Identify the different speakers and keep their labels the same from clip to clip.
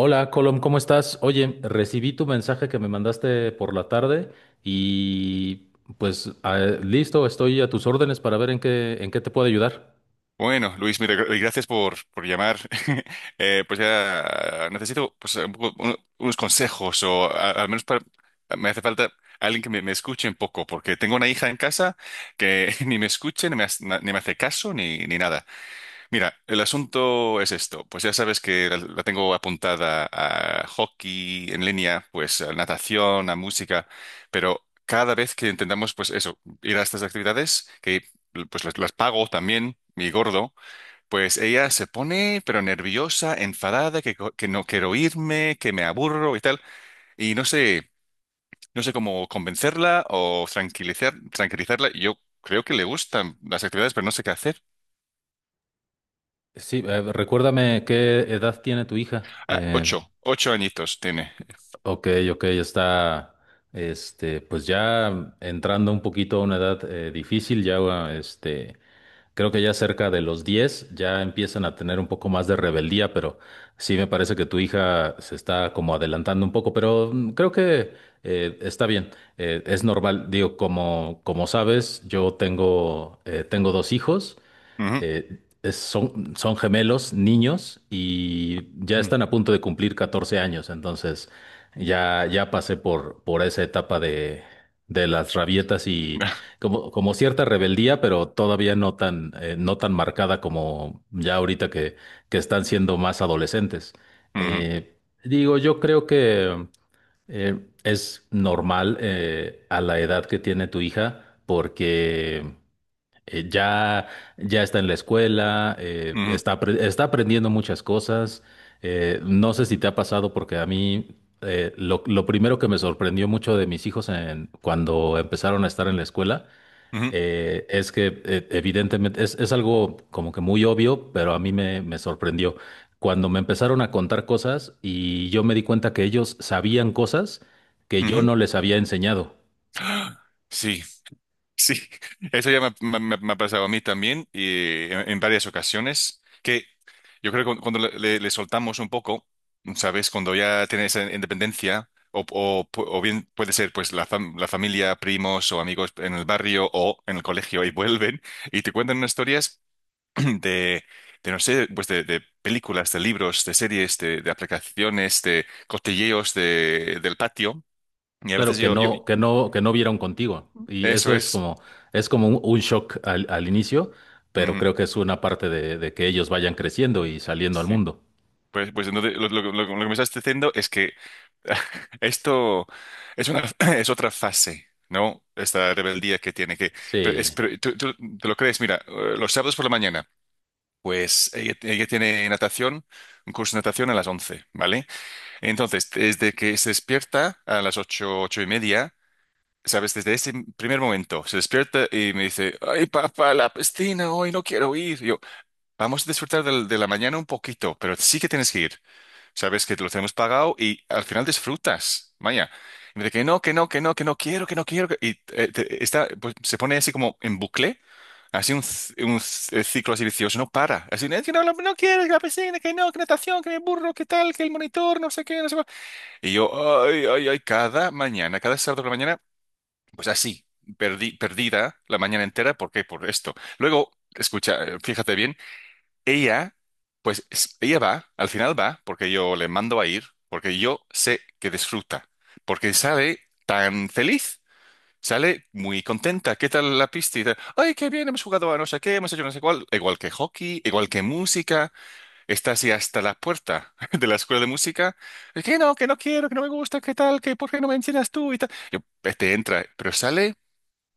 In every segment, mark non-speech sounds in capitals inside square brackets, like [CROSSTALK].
Speaker 1: Hola, Colom, ¿cómo estás? Oye, recibí tu mensaje que me mandaste por la tarde y pues listo, estoy a tus órdenes para ver en qué te puedo ayudar.
Speaker 2: Bueno, Luis, mira, gracias por llamar. [LAUGHS] Pues ya necesito pues, unos consejos o al menos me hace falta alguien que me escuche un poco, porque tengo una hija en casa que [LAUGHS] ni me escuche, ni me hace caso, ni nada. Mira, el asunto es esto. Pues ya sabes que la tengo apuntada a hockey en línea, pues a natación, a música, pero cada vez que intentamos pues eso, ir a estas actividades, que pues las pago también, mi gordo. Pues ella se pone, pero nerviosa, enfadada, que, que no quiero irme, que me aburro y tal. Y no sé, no sé cómo convencerla o tranquilizarla. Yo creo que le gustan las actividades, pero no sé qué hacer.
Speaker 1: Sí, recuérdame qué edad tiene tu hija.
Speaker 2: Ah, ocho añitos tiene.
Speaker 1: Ok, ok, está, pues ya entrando un poquito a una edad difícil, este, creo que ya cerca de los 10 ya empiezan a tener un poco más de rebeldía, pero sí me parece que tu hija se está como adelantando un poco, pero creo que está bien, es normal. Digo, como, como sabes, yo tengo, tengo dos hijos
Speaker 2: Ujú.
Speaker 1: son gemelos, niños, y ya
Speaker 2: Mm.
Speaker 1: están a punto de cumplir 14 años, entonces ya, ya pasé por esa etapa de las rabietas y
Speaker 2: [LAUGHS]
Speaker 1: como, como cierta rebeldía, pero todavía no tan, no tan marcada como ya ahorita que están siendo más adolescentes.
Speaker 2: Ujú,
Speaker 1: Eh, Digo, yo creo que es normal a la edad que tiene tu hija porque eh, ya, ya está en la escuela,
Speaker 2: ujú,
Speaker 1: está, está aprendiendo muchas cosas. No sé si te ha pasado porque a mí lo primero que me sorprendió mucho de mis hijos cuando empezaron a estar en la escuela
Speaker 2: ujú,
Speaker 1: es que evidentemente es algo como que muy obvio, pero a mí me, me sorprendió. Cuando me empezaron a contar cosas y yo me di cuenta que ellos sabían cosas que yo
Speaker 2: ujú.
Speaker 1: no les había enseñado.
Speaker 2: [GASPS] Sí, sí, eso ya me ha pasado a mí también y en varias ocasiones, que yo creo que cuando le soltamos un poco, ¿sabes? Cuando ya tienes esa independencia, o bien puede ser pues la familia, primos o amigos en el barrio o en el colegio y vuelven y te cuentan unas historias [CLEARS THROAT] de, de no sé, pues de películas, de libros, de series, de aplicaciones, de cotilleos del patio. Y a
Speaker 1: Claro,
Speaker 2: veces
Speaker 1: que no, que no, que no vieron contigo. Y
Speaker 2: eso
Speaker 1: eso
Speaker 2: es.
Speaker 1: es como un shock al, al inicio, pero
Speaker 2: Ujú,
Speaker 1: creo que es una parte de que ellos vayan creciendo y saliendo al
Speaker 2: sí.
Speaker 1: mundo.
Speaker 2: Pues entonces lo que me estás diciendo es que [LAUGHS] esto es una [CLEARS THROAT] es otra fase, ¿no? Esta rebeldía que tiene que.
Speaker 1: Sí.
Speaker 2: Pero tú te lo crees, mira, los sábados por la mañana, pues ella tiene natación, un curso de natación a las 11, ¿vale? Entonces, desde que se despierta a las 8, 8:30, ¿sabes? Desde ese primer momento se despierta y me dice, ay, papá, la piscina, hoy no quiero ir. Y yo, vamos a disfrutar de la mañana un poquito, pero sí que tienes que ir. Sabes que te lo tenemos pagado y al final disfrutas. Vaya. Y me dice que no, que no, que no, que no quiero, que no quiero. Y está, pues, se pone así como en bucle, así ciclo así vicioso, no para. Así, es que no, no, no quiero, que la piscina, que no, que natación, que el burro, que tal, que el monitor, no sé qué, no sé cuál. Y yo, ay, ay, ay, cada mañana, cada sábado por la mañana, pues así, perdida la mañana entera, ¿por qué? Por esto. Luego, escucha, fíjate bien. Ella, pues ella va, al final va, porque yo le mando a ir, porque yo sé que disfruta, porque sale tan feliz, sale muy contenta. ¿Qué tal la pista? Y tal, ay, qué bien, hemos jugado a no sé qué, hemos hecho no sé cuál, igual que hockey, igual que música. Está así hasta la puerta [LAUGHS] de la escuela de música. Que no quiero, que no me gusta, qué tal, que por qué no me enseñas tú y tal. Yo, te entra, pero sale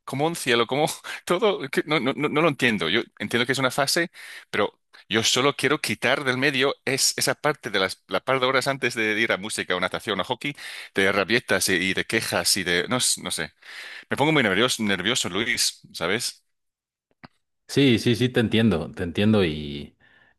Speaker 2: como un cielo, como [LAUGHS] todo, que no, no, no no lo entiendo. Yo entiendo que es una fase, pero yo solo quiero quitar del medio esa parte de la par de horas antes de ir a música o natación o hockey, de rabietas y de quejas y no sé. Me pongo muy nervioso, nervioso, Luis, ¿sabes?
Speaker 1: Sí, sí, sí, te entiendo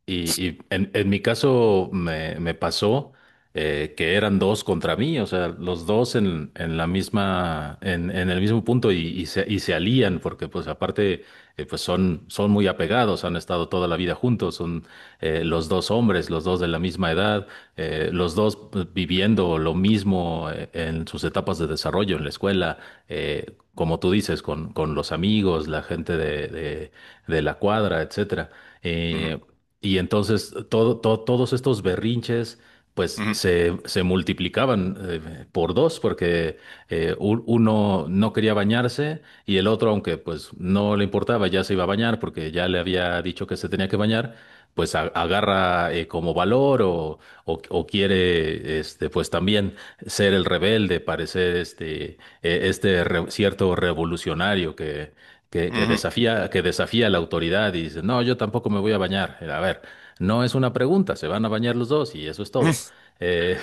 Speaker 1: y en mi caso me, me pasó que eran dos contra mí, o sea, los dos en la misma, en el mismo punto y se alían porque pues aparte pues son, son muy apegados, han estado toda la vida juntos, son los dos hombres, los dos de la misma edad, los dos pues, viviendo lo mismo en sus etapas de desarrollo en la escuela, como tú dices, con los amigos, la gente de, de la cuadra, etcétera. Eh,
Speaker 2: Ujú,
Speaker 1: y entonces todo, todos estos berrinches pues
Speaker 2: ujú,
Speaker 1: se multiplicaban por dos porque uno no quería bañarse y el otro, aunque pues no le importaba, ya se iba a bañar porque ya le había dicho que se tenía que bañar, pues agarra como valor o quiere este, pues también ser el rebelde, parecer este, cierto revolucionario
Speaker 2: ujú,
Speaker 1: que desafía la autoridad y dice, no, yo tampoco me voy a bañar. A ver, no es una pregunta, se van a bañar los dos y eso es todo. Eh,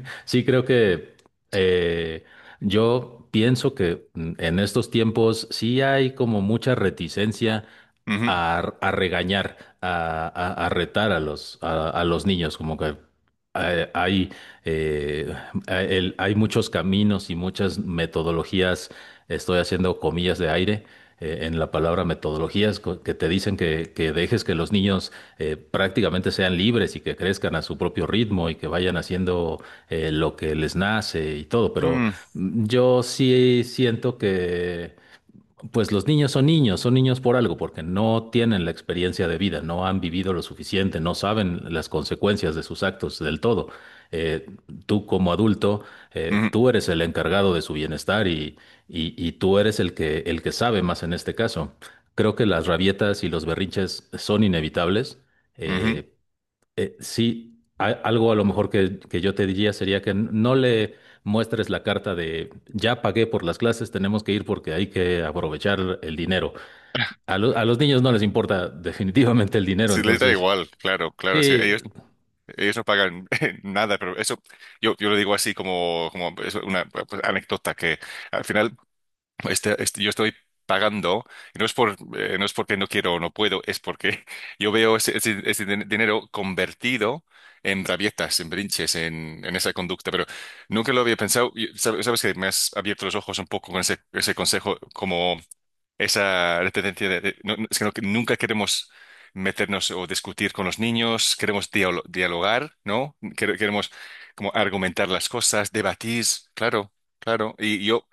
Speaker 1: [LAUGHS] sí creo que eh, yo pienso que en estos tiempos sí hay como mucha reticencia
Speaker 2: ujú,
Speaker 1: a regañar, a, a retar a los niños, como que eh, hay, eh, hay muchos caminos y muchas metodologías, estoy haciendo comillas de aire, en la palabra metodologías que te dicen que dejes que los niños prácticamente sean libres y que crezcan a su propio ritmo y que vayan haciendo lo que les nace y todo, pero
Speaker 2: ujú,
Speaker 1: yo sí siento que pues los niños son niños, son niños por algo, porque no tienen la experiencia de vida, no han vivido lo suficiente, no saben las consecuencias de sus actos del todo. Eh, Tú como adulto,
Speaker 2: ujú, ujú.
Speaker 1: tú eres el encargado de su bienestar y, y tú eres el que sabe más en este caso. Creo que las rabietas y los berrinches son inevitables,
Speaker 2: Ujú.
Speaker 1: eh, sí, algo a lo mejor que yo te diría sería que no le muestres la carta de ya pagué por las clases, tenemos que ir porque hay que aprovechar el dinero. A, a los niños no les importa [LAUGHS] definitivamente el dinero,
Speaker 2: Sí, les da
Speaker 1: entonces
Speaker 2: igual, claro, claro, sí,
Speaker 1: sí,
Speaker 2: ellos no pagan [LAUGHS] nada, pero eso yo lo digo así como es una pues, anécdota que, al final yo estoy pagando, y no es porque no quiero o no puedo, es porque [LAUGHS] yo veo dinero convertido en rabietas, en brinches, en esa conducta, pero nunca lo había pensado. Y sabes que me has abierto los ojos un poco con ese consejo, como esa tendencia no- no- es que no- que nunca queremos meternos o discutir con los niños, queremos dialogar, ¿no? Queremos como argumentar las cosas, debatir, claro. Claro, y yo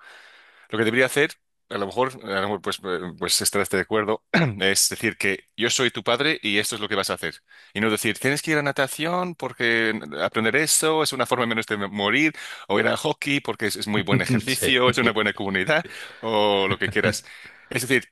Speaker 2: lo que debería hacer, a lo mejor, pues, pues estarás de acuerdo, [CLEARS THROAT] es decir que yo soy tu padre y esto es lo que vas a hacer. Y no decir, tienes que ir a natación porque aprender eso es una forma menos de morir, o ir a hockey porque es muy buen
Speaker 1: [LAUGHS] sí.
Speaker 2: ejercicio, es una buena comunidad, o lo que quieras. Es decir,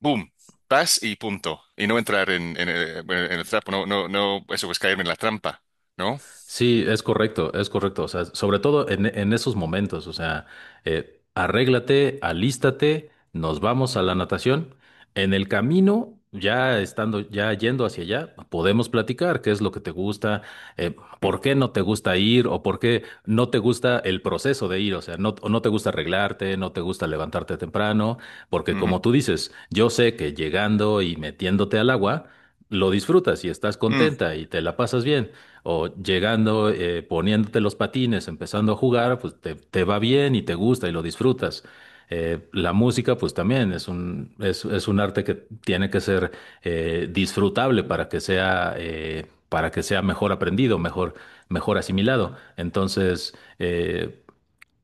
Speaker 2: boom, vas y punto. Y no entrar en el trapo, no, no, no, eso pues caerme en la trampa, ¿no?
Speaker 1: Sí, es correcto, es correcto. O sea, sobre todo en esos momentos, o sea, arréglate, alístate, nos vamos a la natación. En el camino, ya estando, ya yendo hacia allá, podemos platicar qué es lo que te gusta, eh,
Speaker 2: Mm,
Speaker 1: por qué no te gusta ir o por qué no te gusta el proceso de ir. O sea, no, no te gusta arreglarte, no te gusta levantarte temprano, porque
Speaker 2: ujú,
Speaker 1: como tú dices, yo sé que llegando y metiéndote al agua, lo disfrutas y estás
Speaker 2: mm,
Speaker 1: contenta y te la pasas bien o llegando, poniéndote los patines, empezando a jugar, pues te va bien y te gusta y lo disfrutas. La música, pues también es un arte que tiene que ser disfrutable para que sea mejor aprendido, mejor, mejor asimilado. Entonces, eh,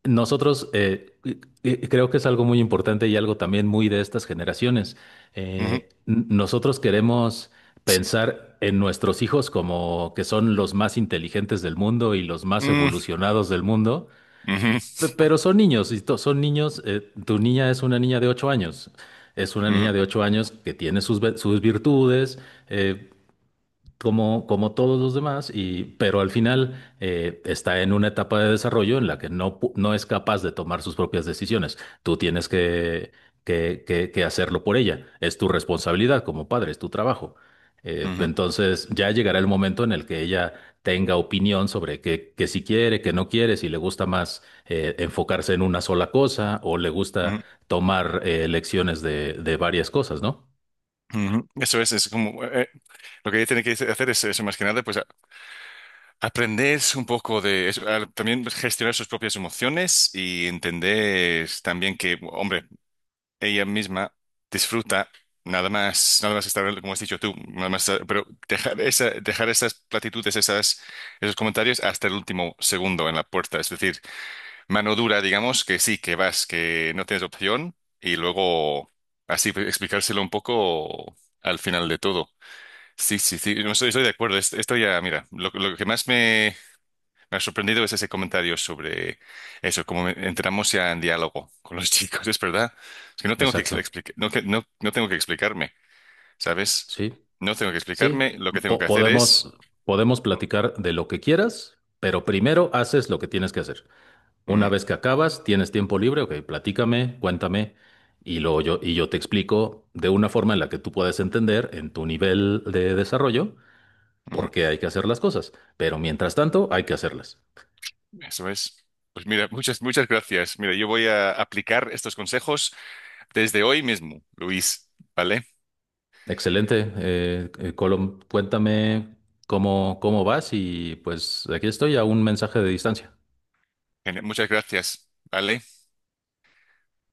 Speaker 1: nosotros eh, y- creo que es algo muy importante y algo también muy de estas generaciones.
Speaker 2: ujú,
Speaker 1: Nosotros queremos pensar en nuestros hijos como que son los más inteligentes del mundo y los más
Speaker 2: mm,
Speaker 1: evolucionados del mundo,
Speaker 2: ujú,
Speaker 1: pero son niños, y son niños, tu niña es una niña de 8 años. Es una
Speaker 2: ujú,
Speaker 1: niña de ocho años que tiene sus, sus virtudes, eh, como, como todos los demás, y, pero al final está en una etapa de desarrollo en la que no, no es capaz de tomar sus propias decisiones. Tú tienes que hacerlo por ella. Es tu responsabilidad como padre, es tu trabajo.
Speaker 2: ujú, ujú,
Speaker 1: Entonces ya llegará el momento en el que ella tenga opinión sobre qué que si quiere, que no quiere, si le gusta más enfocarse en una sola cosa o le gusta
Speaker 2: ujú.
Speaker 1: tomar lecciones de varias cosas, ¿no?
Speaker 2: Ujú. Eso es como lo que ella tiene que hacer es eso, más que nada, pues aprender un poco de eso, también gestionar sus propias emociones y entender también que, hombre, ella misma disfruta nada más, nada más estar, como has dicho tú, nada más, pero dejar esas platitudes, esos comentarios hasta el último segundo en la puerta, es decir, mano dura, digamos, que sí, que vas, que no tienes opción y luego así pues, explicárselo un poco al final de todo. Sí, sí, sí, no, estoy de acuerdo. Esto ya, mira, lo que más me ha sorprendido es ese comentario sobre eso. Como entramos ya en diálogo con los [LAUGHS] chicos, es verdad. Es que no tengo que
Speaker 1: Exacto.
Speaker 2: explicar, no, no, no tengo que explicarme, ¿sabes?
Speaker 1: Sí.
Speaker 2: No tengo que
Speaker 1: Sí,
Speaker 2: explicarme, lo que tengo que hacer
Speaker 1: podemos,
Speaker 2: es...
Speaker 1: podemos platicar de lo que quieras, pero primero haces lo que tienes que hacer. Una
Speaker 2: Mm,
Speaker 1: vez que acabas, tienes tiempo libre, ok, platícame, cuéntame, y luego yo, y yo te explico de una forma en la que tú puedas entender en tu nivel de desarrollo
Speaker 2: ujú,
Speaker 1: por qué hay que hacer las cosas. Pero mientras tanto, hay que hacerlas.
Speaker 2: eso es. Pues mira, muchas, muchas gracias. Mira, yo voy a aplicar estos consejos desde hoy mismo, Luis, ¿vale?
Speaker 1: Excelente, Colom, cuéntame cómo, cómo vas y pues aquí estoy a un mensaje de distancia.
Speaker 2: Genial, muchas gracias, ¿vale?